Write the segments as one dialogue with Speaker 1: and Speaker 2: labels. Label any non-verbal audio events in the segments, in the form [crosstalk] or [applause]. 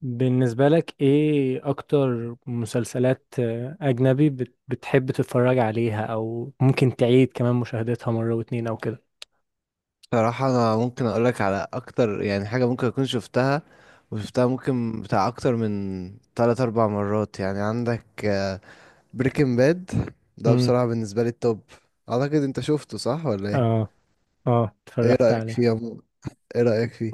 Speaker 1: بالنسبة لك ايه اكتر مسلسلات اجنبي بتحب تتفرج عليها او ممكن تعيد كمان مشاهدتها مرة واتنين او كده.
Speaker 2: صراحة أنا ممكن أقولك على أكتر، يعني حاجة ممكن أكون شفتها وشفتها، ممكن بتاع أكتر من تلات أربع مرات. يعني عندك بريكنج باد، ده
Speaker 1: امم
Speaker 2: بصراحة بالنسبة لي التوب. أعتقد أنت شفته، صح ولا إيه؟
Speaker 1: اه اه،
Speaker 2: إيه
Speaker 1: اتفرجت
Speaker 2: رأيك فيه
Speaker 1: عليها.
Speaker 2: يا عمو؟ إيه رأيك فيه؟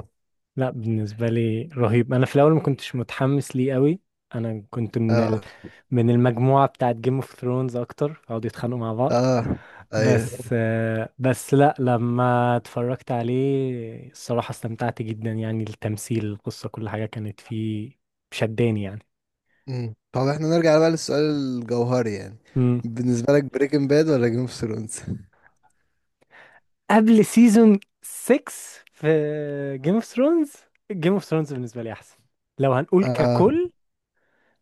Speaker 1: لا، بالنسبة لي رهيب. انا في الاول ما كنتش متحمس ليه قوي. انا كنت
Speaker 2: آه.
Speaker 1: من المجموعة بتاعت جيم اوف ثرونز اكتر، قعدوا يتخانقوا مع بعض.
Speaker 2: آه. أيوه.
Speaker 1: بس بس لا، لما اتفرجت عليه الصراحة استمتعت جدا، يعني التمثيل، القصة، كل حاجة كانت فيه شداني يعني.
Speaker 2: أمم. طب إحنا نرجع بقى للسؤال الجوهري، يعني
Speaker 1: مم.
Speaker 2: بالنسبة لك بريكنج باد ولا جيم اوف ثرونز؟
Speaker 1: قبل سيزون 6 في جيم اوف ثرونز، جيم اوف ثرونز بالنسبه لي احسن لو هنقول
Speaker 2: آه،
Speaker 1: ككل.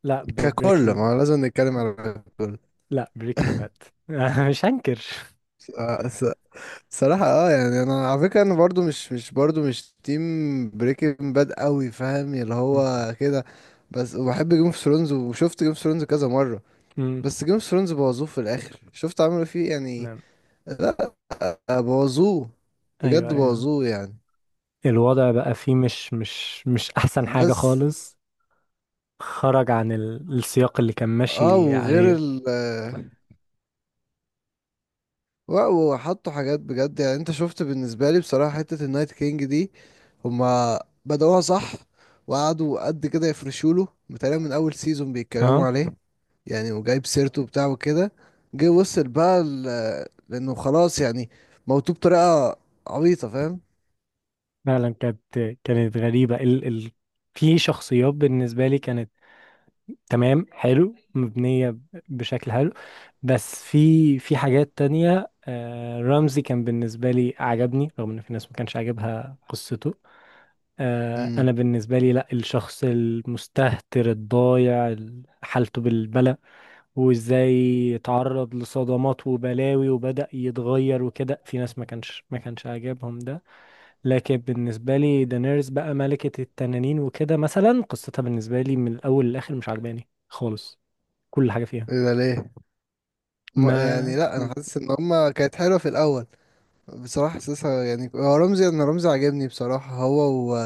Speaker 1: لا
Speaker 2: ككل
Speaker 1: بريكنج
Speaker 2: ما هو لازم نتكلم على ككل.
Speaker 1: لا، بريكنج باد. [laughs] مش هنكر.
Speaker 2: آه، صراحة يعني انا على فكرة انا برضو مش تيم بريكنج باد قوي، فاهم؟ اللي
Speaker 1: مم.
Speaker 2: هو كده. بس وبحب جيم اوف ثرونز وشفت جيم اوف ثرونز كذا مرة،
Speaker 1: مم.
Speaker 2: بس جيم اوف ثرونز بوظوه في الاخر. شفت عملوا فيه يعني،
Speaker 1: نعم.
Speaker 2: بوظوه. بجد
Speaker 1: ايوه، ايوه.
Speaker 2: بوظوه يعني.
Speaker 1: الوضع بقى فيه مش احسن حاجه
Speaker 2: بس
Speaker 1: خالص. خرج عن السياق اللي كان
Speaker 2: اه
Speaker 1: ماشي
Speaker 2: وغير
Speaker 1: عليه.
Speaker 2: ال آه، لا وحطوا حاجات بجد، يعني انت شفت بالنسبة لي بصراحة حتة النايت كينج دي، هما بدأوها صح وقعدوا قد كده يفرشوا له، بتهيألي من أول سيزون بيتكلموا
Speaker 1: اه.
Speaker 2: عليه يعني، وجايب سيرته بتاعه وكده. جه وصل بقى لأنه خلاص يعني موتوه بطريقة عبيطة، فاهم؟
Speaker 1: فعلا كانت غريبه. ال ال في شخصيات بالنسبه لي كانت تمام، حلو، مبنيه بشكل حلو. بس في حاجات تانية رمزي كان بالنسبة لي عجبني، رغم ان في ناس ما كانش عاجبها قصته.
Speaker 2: امم
Speaker 1: انا بالنسبة لي لا، الشخص المستهتر الضايع، حالته بالبلى، وازاي اتعرض لصدمات وبلاوي وبدأ يتغير وكده، في ناس ما كانش عاجبهم ده. لكن بالنسبة لي دانيرز بقى، ملكة التنانين وكده مثلا، قصتها بالنسبة لي من الاول للاخر مش عجباني خالص، كل حاجة فيها.
Speaker 2: ايه ده ليه؟ يعني
Speaker 1: ما
Speaker 2: لا انا حاسس ان هما كانت حلوه في الاول بصراحه. حاسسها يعني هو رمزي، انا رمزي عاجبني بصراحه. هو و...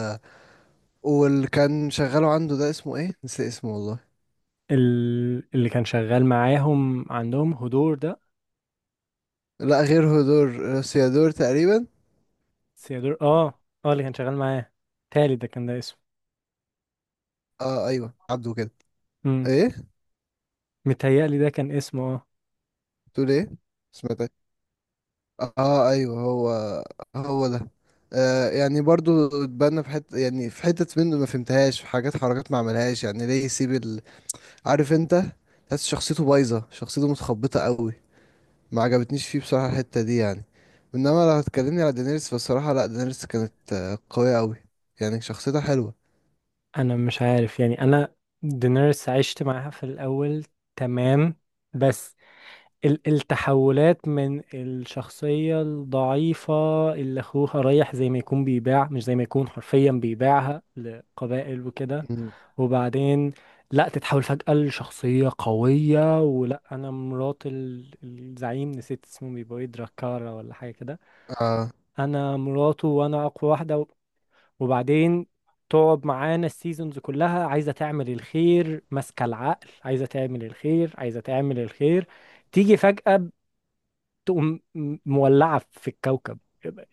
Speaker 2: واللي كان شغاله عنده ده اسمه ايه؟ نسي اسمه والله.
Speaker 1: اللي كان شغال معاهم عندهم هدور ده،
Speaker 2: لا غير هدور، سيادور تقريبا.
Speaker 1: سيادور. اه اللي كان شغال معاه، تالي ده كان، ده اسمه.
Speaker 2: اه ايوه، عدوا كده.
Speaker 1: امم.
Speaker 2: ايه؟
Speaker 1: متهيألي ده كان اسمه اه.
Speaker 2: تقول ايه؟ سمعتك. اه ايوه، هو. هو ده. يعني برضو اتبنى في حته، يعني في حتت منه ما فهمتهاش، في حاجات حركات ما عملهاش، يعني ليه يسيب ال... عارف انت، تحس شخصيته بايظه، شخصيته متخبطه قوي. ما عجبتنيش فيه بصراحه الحته دي يعني. انما لو هتكلمني على دينيرس، فالصراحه لا دينيرس كانت قويه قوي. يعني شخصيتها حلوه.
Speaker 1: انا مش عارف يعني. انا دينيرس عشت معاها في الاول، تمام، بس ال التحولات من الشخصية الضعيفة، اللي اخوها رايح زي ما يكون بيباع، مش زي ما يكون، حرفيا بيباعها لقبائل وكده،
Speaker 2: مم.
Speaker 1: وبعدين لا، تتحول فجأة لشخصية قوية، ولا أنا مرات الزعيم نسيت اسمه، بيبقى إيه، دراكارا ولا حاجة كده،
Speaker 2: اه.
Speaker 1: أنا مراته وأنا أقوى واحدة وبعدين تقعد معانا السيزونز كلها عايزة تعمل الخير، ماسكة العقل، عايزة تعمل الخير، عايزة تعمل الخير، تيجي فجأة تقوم مولعة في الكوكب.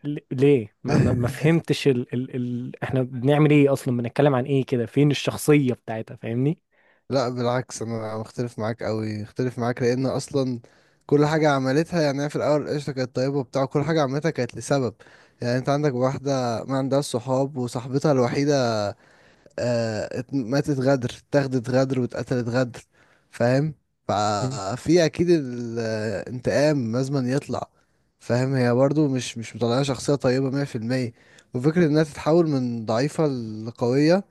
Speaker 1: ليه؟ ما
Speaker 2: [laughs]
Speaker 1: فهمتش ال ال ال احنا بنعمل ايه اصلا؟ بنتكلم عن ايه كده؟ فين الشخصية بتاعتها؟ فاهمني؟
Speaker 2: لا بالعكس، انا مختلف معاك قوي، اختلف معاك لان اصلا كل حاجه عملتها، يعني هي في الاول قشطه، كانت طيبه وبتاع. كل حاجه عملتها كانت لسبب، يعني انت عندك واحده ما عندهاش صحاب وصاحبتها الوحيده ماتت غدر، اتاخدت غدر، واتقتلت غدر، فاهم؟ ففي اكيد الانتقام لازم يطلع، فاهم؟ هي برضو مش مطلعه شخصيه طيبه 100%. وفكره انها تتحول من ضعيفه لقويه،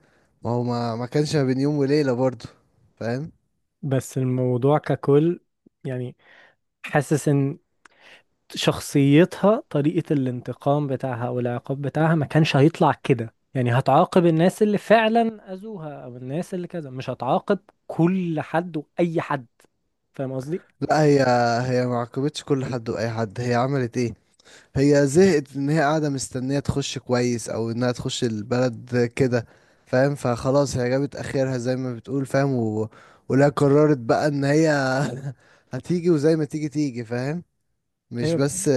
Speaker 2: ما هو ما كانش ما بين يوم وليله برضو، فاهم؟
Speaker 1: بس الموضوع ككل يعني، حاسس ان شخصيتها، طريقة الانتقام بتاعها او العقاب بتاعها، ما كانش هيطلع كده. يعني هتعاقب الناس اللي فعلا اذوها او الناس اللي كذا، مش هتعاقب كل حد واي حد، فاهم قصدي؟
Speaker 2: لا، هي ما عاقبتش كل حد واي حد. هي عملت ايه؟ هي زهقت ان هي قاعده مستنيه تخش كويس، او انها تخش البلد كده، فاهم؟ فخلاص، هي جابت اخرها زي ما بتقول، فاهم؟ و... ولا قررت بقى ان هي [laughs] هتيجي، وزي ما تيجي تيجي، فاهم؟ مش
Speaker 1: ايوه.
Speaker 2: بس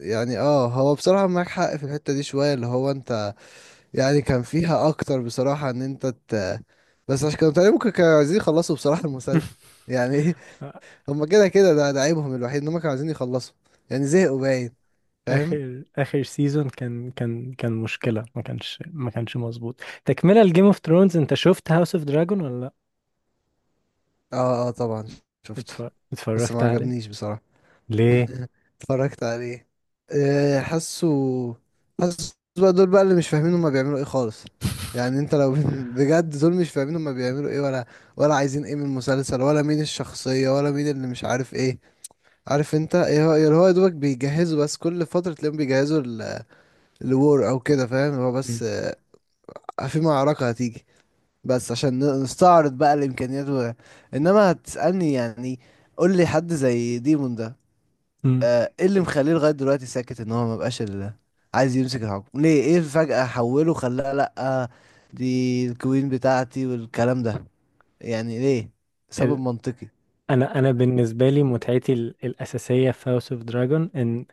Speaker 2: يعني، هو بصراحه معاك حق في الحته دي شويه، اللي هو انت، يعني كان فيها اكتر بصراحه ان انت ت... بس عشان كانوا تقريبا، ممكن كانوا عايزين يخلصوا بصراحه المسلسل
Speaker 1: [laughs]
Speaker 2: يعني. [laughs] هما كده كده، ده ده عيبهم الوحيد، ان هما كانوا عايزين يخلصوا، يعني زهقوا باين، فاهم؟
Speaker 1: اخر سيزون كان كان مشكلة، ما كانش مظبوط تكملة لجيم اوف ثرونز. انت شفت هاوس اوف دراجون ولا لا؟
Speaker 2: اه اه، طبعا شفته. بس
Speaker 1: اتفرجت
Speaker 2: ما
Speaker 1: عليه.
Speaker 2: عجبنيش بصراحة.
Speaker 1: ليه؟
Speaker 2: [laughs] اتفرجت عليه. آه، حاسه حاسه بقى دول بقى اللي مش فاهمين هما بيعملوا ايه خالص. يعني انت لو [laughs] بجد، دول مش فاهمين هما بيعملوا ايه، ولا عايزين ايه من المسلسل، ولا مين الشخصية، ولا مين اللي مش عارف ايه. عارف انت ايه هو اللي هو، يا دوبك بيجهزوا، بس كل فترة تلاقيهم بيجهزوا الوور او كده، فاهم؟ هو بس
Speaker 1: [laughs]
Speaker 2: في معركة هتيجي، بس عشان نستعرض بقى الامكانيات. و... انما هتسالني يعني قول لي حد زي ديمون ده،
Speaker 1: مم.
Speaker 2: ايه اللي مخليه لغايه دلوقتي ساكت؟ ان هو ما بقاش ال... عايز يمسك الحكم ليه؟ ايه فجاه حوله، خلاه لا دي الكوين بتاعتي والكلام ده، يعني ليه؟ سبب منطقي.
Speaker 1: انا بالنسبه لي متعتي الاساسيه في هاوس اوف دراجون، ان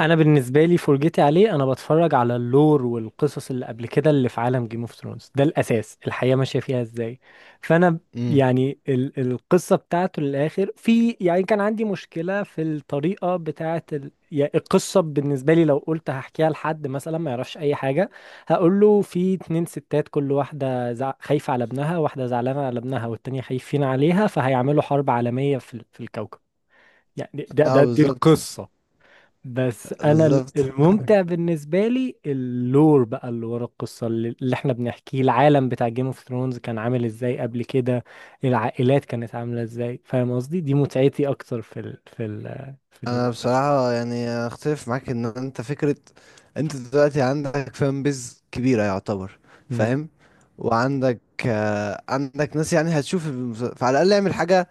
Speaker 1: انا بالنسبه لي فرجتي عليه، انا بتفرج على اللور والقصص اللي قبل كده، اللي في عالم جيم اوف ثرونز ده، الاساس الحياه ماشيه فيها ازاي. فانا
Speaker 2: امم.
Speaker 1: يعني ال القصه بتاعته للاخر، في يعني كان عندي مشكله في الطريقه بتاعه ال، يعني القصه بالنسبه لي، لو قلت هحكيها لحد مثلا ما يعرفش اي حاجه، هقول له في اتنين ستات، كل واحده خايفه على ابنها، واحده زعلانه على ابنها والتانيه خايفين عليها، فهيعملوا حرب عالميه في الكوكب. يعني ده
Speaker 2: اه
Speaker 1: ده دي
Speaker 2: بالظبط.
Speaker 1: القصه. بس انا
Speaker 2: بالظبط.
Speaker 1: الممتع بالنسبه لي اللور بقى اللي ورا القصه اللي احنا بنحكيه، العالم بتاع جيم اوف ثرونز كان عامل ازاي قبل كده، العائلات كانت عامله ازاي، فاهم قصدي؟ دي متعتي اكتر في
Speaker 2: انا
Speaker 1: المسلسل.
Speaker 2: بصراحة يعني اختلف معاك، ان انت فكرة، انت دلوقتي عندك فان بيز كبيرة يعتبر،
Speaker 1: امم.
Speaker 2: فاهم؟ وعندك عندك ناس، يعني هتشوف فعلى الاقل اعمل حاجة،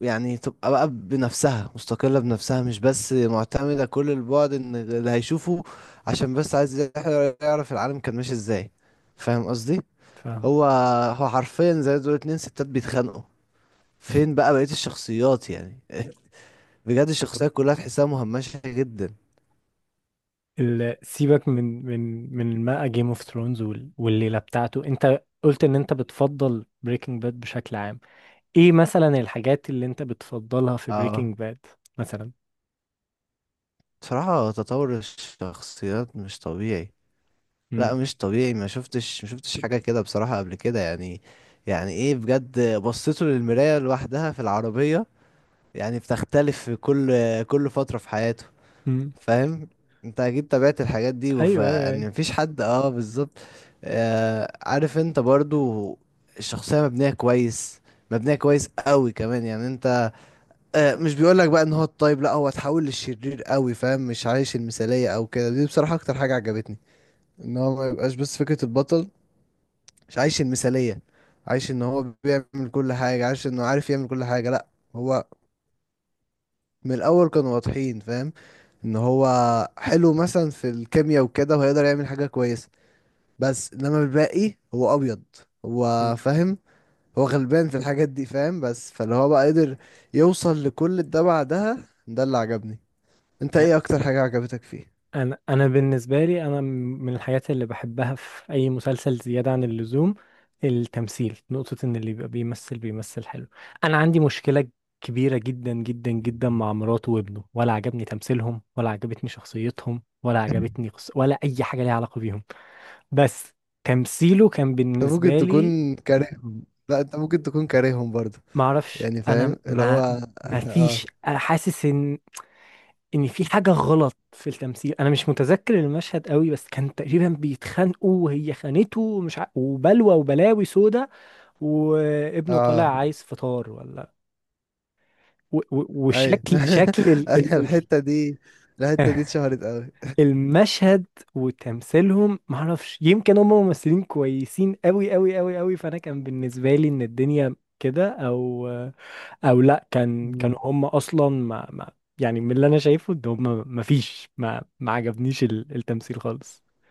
Speaker 2: يعني تبقى بقى بنفسها، مستقلة بنفسها، مش بس معتمدة كل البعد ان اللي هيشوفه عشان بس عايز يعرف العالم كان ماشي ازاي، فاهم قصدي؟
Speaker 1: فاهم.
Speaker 2: هو هو حرفيا زي دول، اتنين ستات بيتخانقوا. فين بقى بقية الشخصيات يعني؟ [laughs] بجد الشخصيات كلها تحسها مهمشة جدا.
Speaker 1: سيبك من ما جيم اوف ثرونز والليله بتاعته. انت قلت ان انت بتفضل بريكنج باد بشكل عام. ايه مثلا الحاجات اللي انت بتفضلها في
Speaker 2: اه،
Speaker 1: بريكنج باد مثلا؟
Speaker 2: بصراحة تطور الشخصيات مش طبيعي. لا
Speaker 1: امم.
Speaker 2: مش طبيعي، ما شفتش حاجة كده بصراحة قبل كده يعني. يعني ايه بجد، بصيته للمراية لوحدها في العربية، يعني بتختلف في كل فترة في حياته،
Speaker 1: امم.
Speaker 2: فاهم؟ انت اكيد تابعت الحاجات دي،
Speaker 1: ايوه.
Speaker 2: يعني مفيش حد، اه بالظبط. عارف انت، برضو الشخصية مبنية كويس، مبنية كويس قوي كمان يعني انت، مش بيقول لك بقى ان هو الطيب لا هو اتحول للشرير قوي، فاهم؟ مش عايش المثالية او كده، دي بصراحة اكتر حاجة عجبتني، ان هو ما يبقاش بس فكرة البطل، مش عايش المثالية، عايش ان هو بيعمل كل حاجة، عايش انه عارف يعمل كل حاجة، لا. هو من الاول كانوا واضحين، فاهم؟ ان هو حلو مثلا في الكيمياء وكده، وهيقدر يعمل حاجة كويسة، بس انما الباقي هو ابيض،
Speaker 1: مم.
Speaker 2: هو فاهم، هو غلبان في الحاجات دي، فاهم؟ بس فاللي هو بقى قدر يوصل لكل ده بعدها، ده اللي عجبني. انت ايه اكتر حاجة عجبتك فيه؟
Speaker 1: انا بالنسبه لي من الحاجات اللي بحبها في اي مسلسل زياده عن اللزوم، التمثيل، نقطه، ان اللي بيبقى بيمثل بيمثل حلو. انا عندي مشكله كبيره جدا جدا جدا مع مراته وابنه، ولا عجبني تمثيلهم، ولا عجبتني شخصيتهم، ولا عجبتني ولا اي حاجه ليها علاقه بيهم. بس تمثيله كان
Speaker 2: انت ممكن
Speaker 1: بالنسبه لي.
Speaker 2: تكون كارههم. لا انت ممكن تكون كارههم برضه.
Speaker 1: ما اعرفش
Speaker 2: يعني
Speaker 1: انا
Speaker 2: فاهم اللي هو.
Speaker 1: ما ما
Speaker 2: [laughs] اه
Speaker 1: فيش حاسس ان في حاجه غلط في التمثيل. انا مش متذكر المشهد قوي، بس كان تقريبا بيتخانقوا وهي خانته وبلوى وبلاوي سودا، وابنه طالع
Speaker 2: اه
Speaker 1: عايز فطار ولا،
Speaker 2: ايوه.
Speaker 1: وشكل
Speaker 2: [laughs]
Speaker 1: [laughs]
Speaker 2: الحتة دي الحتة دي اتشهرت
Speaker 1: المشهد. وتمثيلهم معرفش، يمكن هم ممثلين كويسين قوي قوي قوي قوي فانا كان بالنسبه لي ان الدنيا كده، او او لا، كان
Speaker 2: قوي
Speaker 1: كانوا هم اصلا، ما ما يعني من اللي انا شايفه ان هم ما فيش، ما ما عجبنيش التمثيل خالص